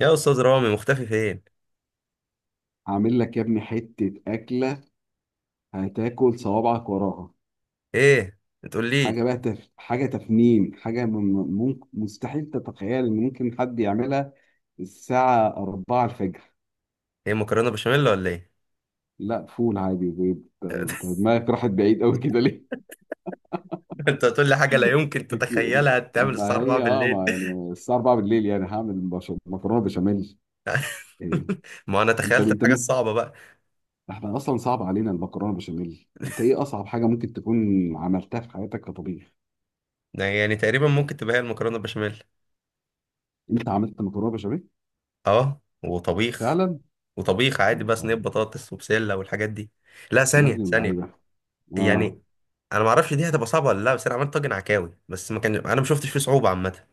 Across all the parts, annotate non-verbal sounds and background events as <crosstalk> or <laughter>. يا استاذ رامي، مختفي فين؟ عامل لك يا ابني حتة أكلة. هتاكل صوابعك وراها. ايه بتقول لي؟ حاجة بقى حاجة تفنين، حاجة ممكن مستحيل تتخيل إن ممكن حد يعملها الساعة 4 الفجر. ايه، مكرونه بشاميل ولا ايه؟ لا، فول عادي بيض، أنت <laughs> دماغك راحت بعيد أوي كده ليه؟ انت هتقول لي حاجه لا يمكن <laughs> أكيد. تتخيلها تعمل الساعه ما 4 هي بالليل؟ ما يعني الساعة 4 بالليل يعني هعمل مكرونة بشاميل. إيه. <laughs> ما انا أنت تخيلت أنت الحاجه ممكن. الصعبه بقى. احنا أصلا صعب علينا المكرونة بشاميل، أنت إيه أصعب حاجة ممكن تكون عملتها في حياتك كطبيخ؟ ده يعني تقريبا ممكن تبقى هي المكرونه بشاميل. أنت عملت مكرونة بشاميل؟ اه، وطبيخ. فعلا. وطبيخ عادي بقى، انت- صينيه بطاطس وبسله والحاجات دي. لا، يا ثانيه ابن ثانيه. اللعيبه، اه. يعني، انا ما اعرفش دي هتبقى صعبه ولا لا، بس انا عملت طاجن عكاوي، بس ما كان انا ما شفتش فيه صعوبه عامه.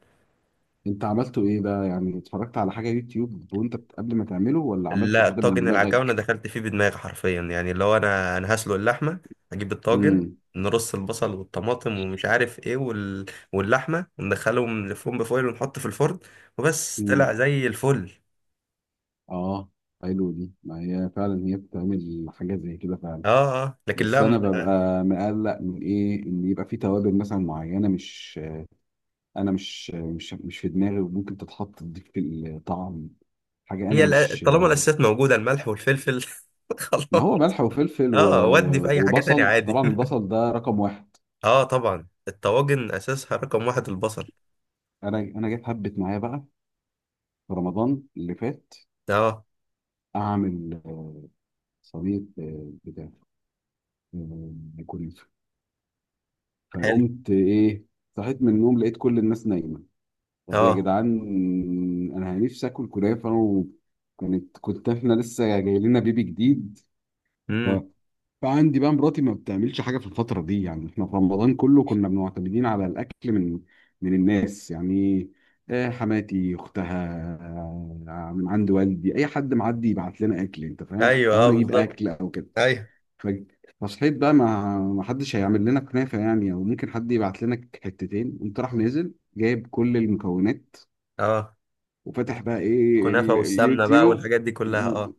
انت عملته ايه بقى؟ يعني اتفرجت على حاجه يوتيوب وانت قبل ما تعمله، ولا عملته لا، كده من طاجن العكاوي انا دماغك؟ دخلت فيه بدماغي حرفيا، يعني اللي هو انا هسلق اللحمه، اجيب الطاجن، امم. نرص البصل والطماطم ومش عارف ايه واللحمه، وندخلهم نلفهم بفويل ونحط في الفرن، وبس طلع امم. زي الفل. اه، حلو، دي ما هي فعلا هي بتعمل حاجه زي كده فعلا. اه، اه، لكن بس لا. انا ببقى مقلق من ايه، ان يبقى في توابل مثلا معينه مش، انا مش في دماغي وممكن تتحط تضيف الطعم، حاجه انا مش. طالما الاساسات موجوده الملح والفلفل <laughs> خلاص. ما هو ملح وفلفل اه، ودي في اي حاجه تانية وبصل، عادي. طبعا البصل ده رقم واحد. <laughs> اه طبعا، الطواجن اساسها رقم واحد البصل. انا جيت هبت معايا بقى في رمضان اللي فات اه، اعمل صينيه، بتاع، آه، كنافه. حلو. فقمت ايه، صحيت من النوم لقيت كل الناس نايمه. طب يا اه. جدعان، انا نفسي اكل كنافه. وكانت، كنت، احنا لسه جاي لنا بيبي جديد. امم. فعندي بقى مراتي ما بتعملش حاجه في الفتره دي، يعني احنا في رمضان كله كنا معتمدين على الاكل من من الناس يعني. حماتي اختها، من عند والدي، اي حد معدي يبعت لنا اكل انت فاهم، ايوه، او اه، انا اجيب بالظبط. اكل او كده. ايوه، ف- فصحيت بقى، ما حدش هيعمل لنا كنافه يعني، او ممكن حد يبعت لنا حتتين. قمت راح نازل جايب كل المكونات، اه. وفتح بقى ايه، الكنافه والسمنه بقى اليوتيوب. والحاجات دي كلها، اه.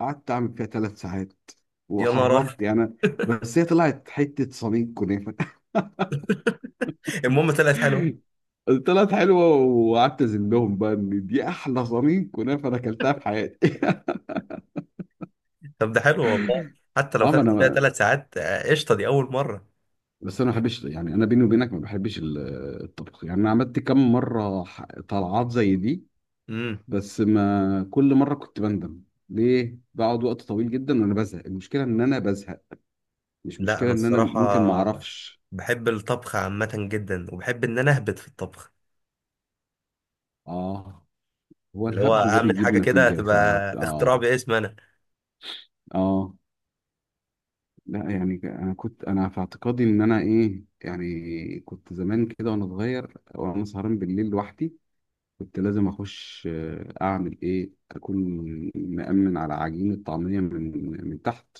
قعدت اعمل فيها ثلاث ساعات يا نهار! وحرمت يعني. بس هي طلعت حته صميم كنافه. <laughs> المهم طلعت حلوه. <laughs> طلعت حلوه، وقعدت ازلهم بقى ان دي احلى صميم كنافه انا اكلتها في حياتي. <laughs> طب ده حلو والله. حتى لو اه، ما خدت فيها انا. 3 ساعات، آه، قشطه دي اول مره. بس انا ما بحبش يعني، انا بيني وبينك ما بحبش الطبخ يعني. انا عملت كم مره طلعات زي دي، امم. بس ما كل مره كنت بندم ليه، بقعد وقت طويل جدا وانا بزهق. المشكله ان انا بزهق، مش لا مشكله انا ان انا الصراحه ممكن ما اعرفش. بحب الطبخ عامه جدا، وبحب ان انا اهبط في الطبخ. اه، هو اللي هو الهبد ده اعمل بيجيب حاجه كده نتيجة تبقى ساعات، اه. اختراع باسم انا. اه، لا يعني انا كنت، انا في اعتقادي ان انا ايه يعني، كنت زمان كده وانا صغير وانا سهران بالليل لوحدي، كنت لازم اخش، اعمل ايه، اكون مأمن على عجين الطعمية من من تحت،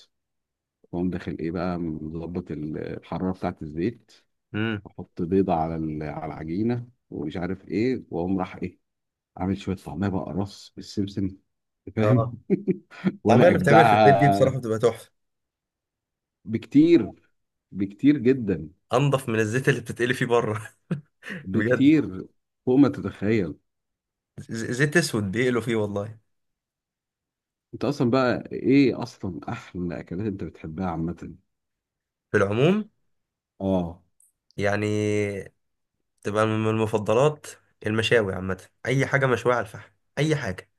واقوم داخل ايه بقى، مظبط الحرارة بتاعة الزيت، امم. واحط بيضة على على العجينة ومش عارف ايه، واقوم راح ايه، عامل شوية طعمية بقى رص بالسمسم، فاهم. اه. <laughs> الطعميه وانا اللي بتعمل في البيت دي اجدعها. بصراحه بتبقى تحفه. بكتير، بكتير جدا، انضف من الزيت اللي بتتقلي فيه بره. <laughs> بجد. بكتير فوق ما تتخيل. زيت اسود بيقلوا فيه والله. انت اصلا بقى ايه، اصلا احلى اكلات انت بتحبها عامه؟ في العموم، اه، يعني، تبقى من المفضلات. المشاوي عامة، أي حاجة مشوية على الفحم. أي حاجة.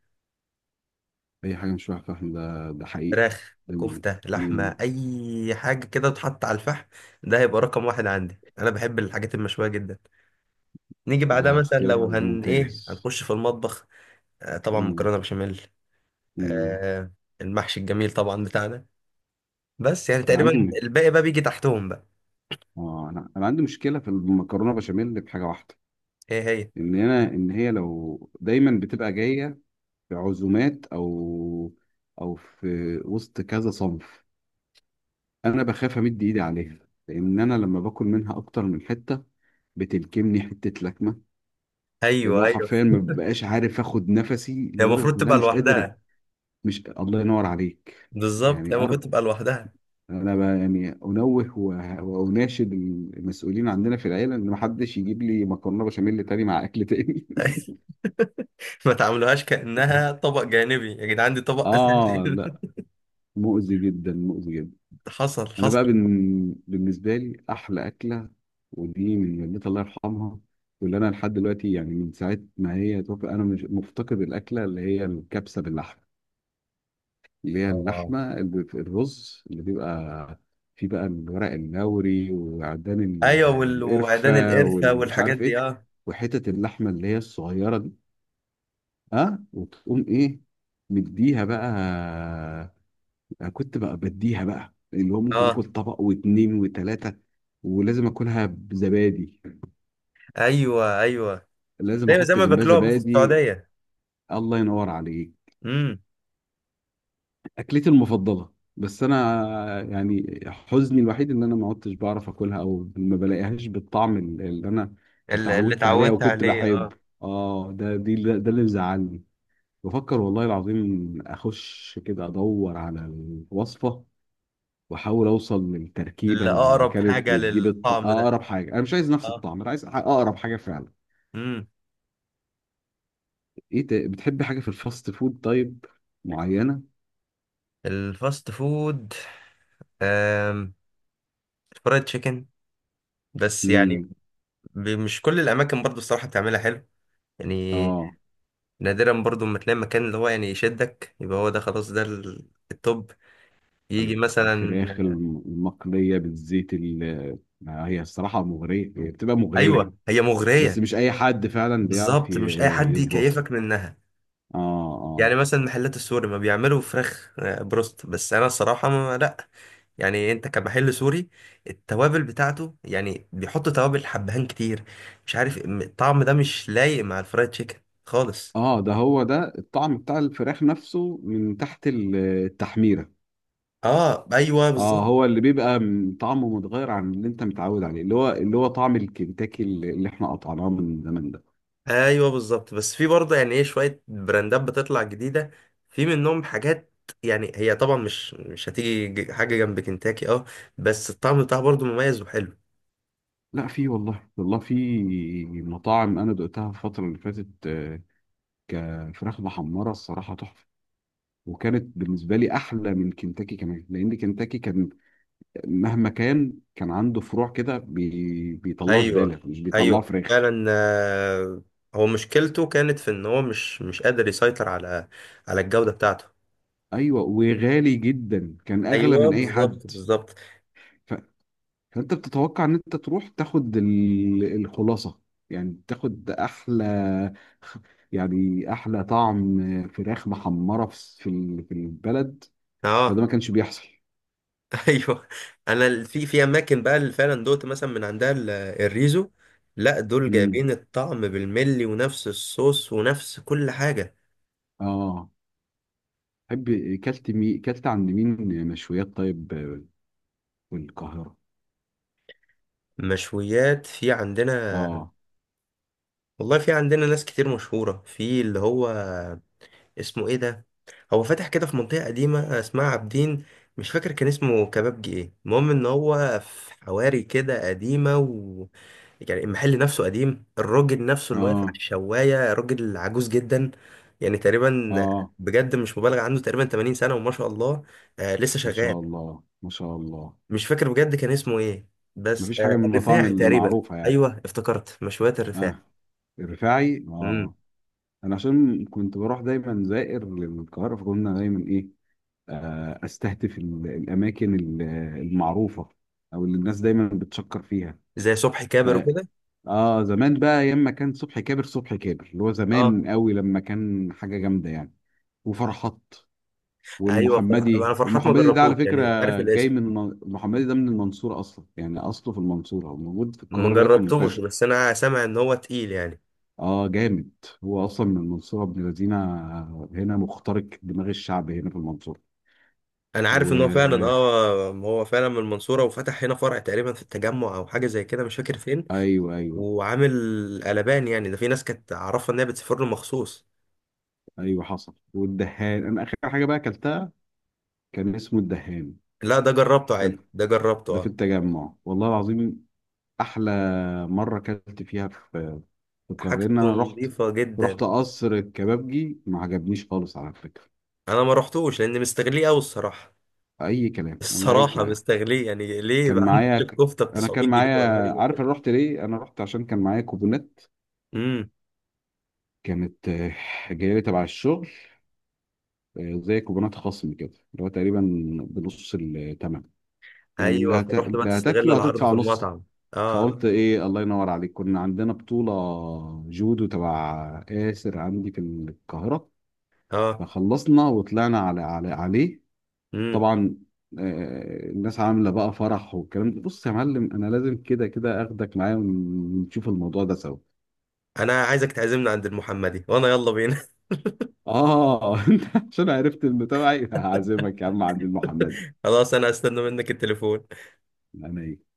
اي حاجه مش واحده فاهم، ده ده حقيقي. فراخ، ده، كفتة، لحمة، مم. أي حاجة كده تتحط على الفحم. ده هيبقى رقم واحد عندي، أنا بحب الحاجات المشوية جدا. نيجي بعدها ده مثلا اختيار لو هن ممتاز. إيه هنخش في المطبخ. آه طبعا، مم. مكرونة بشاميل. مم. آه. المحشي الجميل طبعا بتاعنا. بس يعني انا تقريبا عندي م... الباقي بقى بيجي تحتهم بقى. اه، انا عندي مشكله في المكرونه بشاميل بحاجه واحده، إيه هي؟ ان انا، ان هي لو دايما بتبقى جايه في عزومات او او في وسط كذا صنف، انا بخاف امد ايدي عليها، لان انا لما باكل منها اكتر من حته بتلكمني حته لكمه. اللي أيوه، هو أيوه. حرفيا ما <laughs> ببقاش عارف اخد نفسي هي لدرجه المفروض ان انا تبقى مش قادر. لوحدها. مش، الله ينور عليك. بالظبط، يعني هي المفروض أر... تبقى لوحدها. يعني انوه و- واناشد المسؤولين عندنا في العيله ان ما حدش يجيب لي مكرونه بشاميل تاني مع اكل تاني. <laughs> <laughs> ما تعاملوهاش كأنها <laughs> طبق جانبي يا جدعان، دي طبق أساسي! اه، لا، <laughs> مؤذي جدا، مؤذي جدا. حصل، حصل. بالنسبه لي احلى اكله، ودي من والدتي الله يرحمها، واللي انا لحد دلوقتي يعني من ساعه ما هي توفى انا مش مفتقد الاكله، اللي هي الكبسه باللحمه، اللي هي اه، اللحمه اللي في الرز اللي بيبقى فيه بقى الورق اللوري وعدان أيوه، القرفه وعيدان القرفة والمش والحاجات عارف ايه، دي، أه. وحتت اللحمه اللي هي الصغيره دي. ها وتقوم ايه، مديها بقى. أنا كنت بقى بديها بقى، اللي هو ممكن اكل أه. طبق واتنين وتلاته، ولازم اكلها بزبادي، أيوه، أيوه. لازم أيوه، زي احط ما جنبها بياكلوها بقى في زبادي. السعودية. الله ينور عليك. امم. اكلتي المفضله، بس انا يعني حزني الوحيد ان انا ما عدتش بعرف اكلها، او ما بلاقيهاش بالطعم اللي انا اللي اتعودت عليه، او اتعودت كنت عليه، أه. بحبه. اه، ده دي ده اللي مزعلني. بفكر والله العظيم اخش كده ادور على الوصفه، واحاول اوصل للتركيبه اللي اللي أقرب كانت حاجة بتجيب للطعم ده. اقرب حاجه. انا مش عايز نفس أه. الطعم، انا عايز اقرب حاجه فعلا. امم. ايه ده، بتحبي حاجة في الفاست فود طيب معينة؟ الفاست فود. آم، فرايد تشيكن. بس يعني، امم. مش كل الأماكن برضو الصراحة بتعملها حلو. يعني. اه، نادرا برضو ما تلاقي مكان اللي هو يعني يشدك، يبقى هو ده خلاص، ده التوب. يجي ال- الفراخ مثلا. المقلية بالزيت، ما هي الصراحة مغرية، هي بتبقى مغرية. ايوه، هي بس مغريه. مش أي حد فعلا بيعرف بالظبط، مش اي حد يظبطها. يكيفك منها. اه، يعني اه. مثلا محلات السوري ما بيعملوا فراخ بروست، بس انا الصراحه ما لا. يعني انت كمحل سوري، التوابل بتاعته يعني بيحط توابل حبهان كتير. مش عارف، الطعم ده مش لايق مع الفرايد تشيكن خالص. اه، ده هو ده الطعم بتاع الفراخ نفسه من تحت التحميرة. اه، ايوه، اه، بالظبط، هو اللي بيبقى طعمه متغير عن اللي انت متعود عليه، اللي هو اللي هو طعم الكنتاكي اللي احنا قطعناه من زمان ده. ايوه، بالظبط. بس في برضه يعني ايه شويه براندات بتطلع جديده. في منهم حاجات. يعني هي طبعا مش هتيجي حاجه جنب كنتاكي، اه. بس الطعم بتاعها برضه مميز وحلو. لا، في والله، والله في مطاعم انا دقتها الفتره اللي فاتت، كفراخ محمره الصراحه تحفه، وكانت بالنسبه لي احلى من كنتاكي كمان، لان كنتاكي كان مهما كان، كان عنده فروع كده بيطلعوا ايوه، زباله مش بيطلعوا ايوه، فراخ. فعلا، آه، هو مشكلته كانت في ان هو مش قادر يسيطر على الجوده بتاعته. ايوه، وغالي جدا، كان اغلى ايوه، من اي بالظبط، حد. بالظبط. ف... فانت بتتوقع ان انت تروح تاخد الخلاصه، يعني تاخد احلى، يعني احلى طعم فراخ محمره في في في البلد، فده اه. ما كانش بيحصل. <laughs> ايوه. انا في اماكن بقى اللي فعلا دوت مثلا من عندها الريزو. لا، دول امم. جايبين الطعم بالملي، ونفس الصوص ونفس كل حاجه. اه. تحب، كلت عند مين مشويات طيب، في القاهرة؟ مشويات في عندنا. اه. والله في عندنا ناس كتير مشهوره في، اللي هو اسمه ايه ده. هو فاتح كده في منطقة قديمة اسمها عابدين. مش فاكر كان اسمه كبابجي ايه، المهم ان هو في حواري كده قديمة يعني المحل نفسه قديم، الراجل نفسه اللي واقف اه. على الشواية راجل عجوز جدا. يعني تقريبا، اه، بجد مش مبالغ، عنده تقريبا 80 سنة وما شاء الله. آه، لسه ما شغال. شاء الله، ما شاء الله. مش فاكر بجد كان اسمه ايه، ما بس فيش آه، حاجة من المطاعم الرفاعي اللي تقريبا. معروفة يعني. ايوه، افتكرت مشويات الرفاعي. اه، الرفاعي امم. اه. انا عشان كنت بروح دايما زائر للقاهرة فكنا دايما ايه، آه استهدف الاماكن المعروفة، او اللي الناس دايما بتشكر فيها. زي صبحي كابر وكده. اه، زمان بقى ايام ما كان صبحي كابر، صبحي كابر اللي هو اه، زمان قوي لما كان حاجه جامده يعني. وفرحات ايوه، انا والمحمدي، فرحات ما المحمدي ده على جربتوش، فكره يعني عارف جاي الاسم. من المحمدي ده من المنصوره اصلا، يعني اصله في المنصوره، هو موجود في ما القاهره دلوقتي جربتوش منتشر. بس انا سامع ان هو تقيل يعني. اه، جامد. هو اصلا من المنصوره ابن لذينه، هنا مخترق دماغ الشعب هنا في المنصوره. انا عارف ان هو فعلا، و، اه، هو فعلا من المنصوره وفتح هنا فرع تقريبا في التجمع او حاجه زي كده، مش فاكر فين. ايوه. وعامل قلبان، يعني ده في ناس كانت عارفه ان هي بتسافر له مخصوص. ايوه حصل. والدهان، انا اخر حاجه بقى اكلتها كان اسمه الدهان. لا ده جربته عادي، كان، ده جربته، ده في اه. التجمع والله العظيم احلى مره اكلت فيها في في القاهره، ان حاجته انا رحت، نظيفه جدا. رحت قصر الكبابجي ما عجبنيش خالص على فكره. انا ما رحتوش لان مستغليه قوي الصراحه. اي كلام والله، اي الصراحه كلام. مستغليه، يعني ليه كان بقى عندك معايا ك... الكفته ب انا كان 900 جنيه معايا، ولا حاجه زي عارف كده؟ انا رحت ليه، انا رحت عشان كان معايا كوبونات، امم. كانت جايه لي تبع الشغل، زي كوبونات خصم كده، اللي هو تقريبا بنص الثمن، يعني ايوه، فرحت بقى اللي تستغل هتاكله العرض هتدفع في نص. المطعم. اه. فقلت ايه، الله ينور عليك، كنا عندنا بطوله جودو تبع آسر عندي في القاهره، اه. فخلصنا وطلعنا على على عليه. امم. طبعا، الناس عامله بقى فرح والكلام ده، بص يا معلم انا لازم كده كده اخدك معايا ونشوف الموضوع ده سوا. انا عايزك تعزمنا عند المحمدي وانا يلا بينا. <laughs> اه. <laughs> انت، عشان عرفت انه تبعي هعزمك يا عم عند المحمد. خلاص، انا هستنى منك التليفون. انا ايه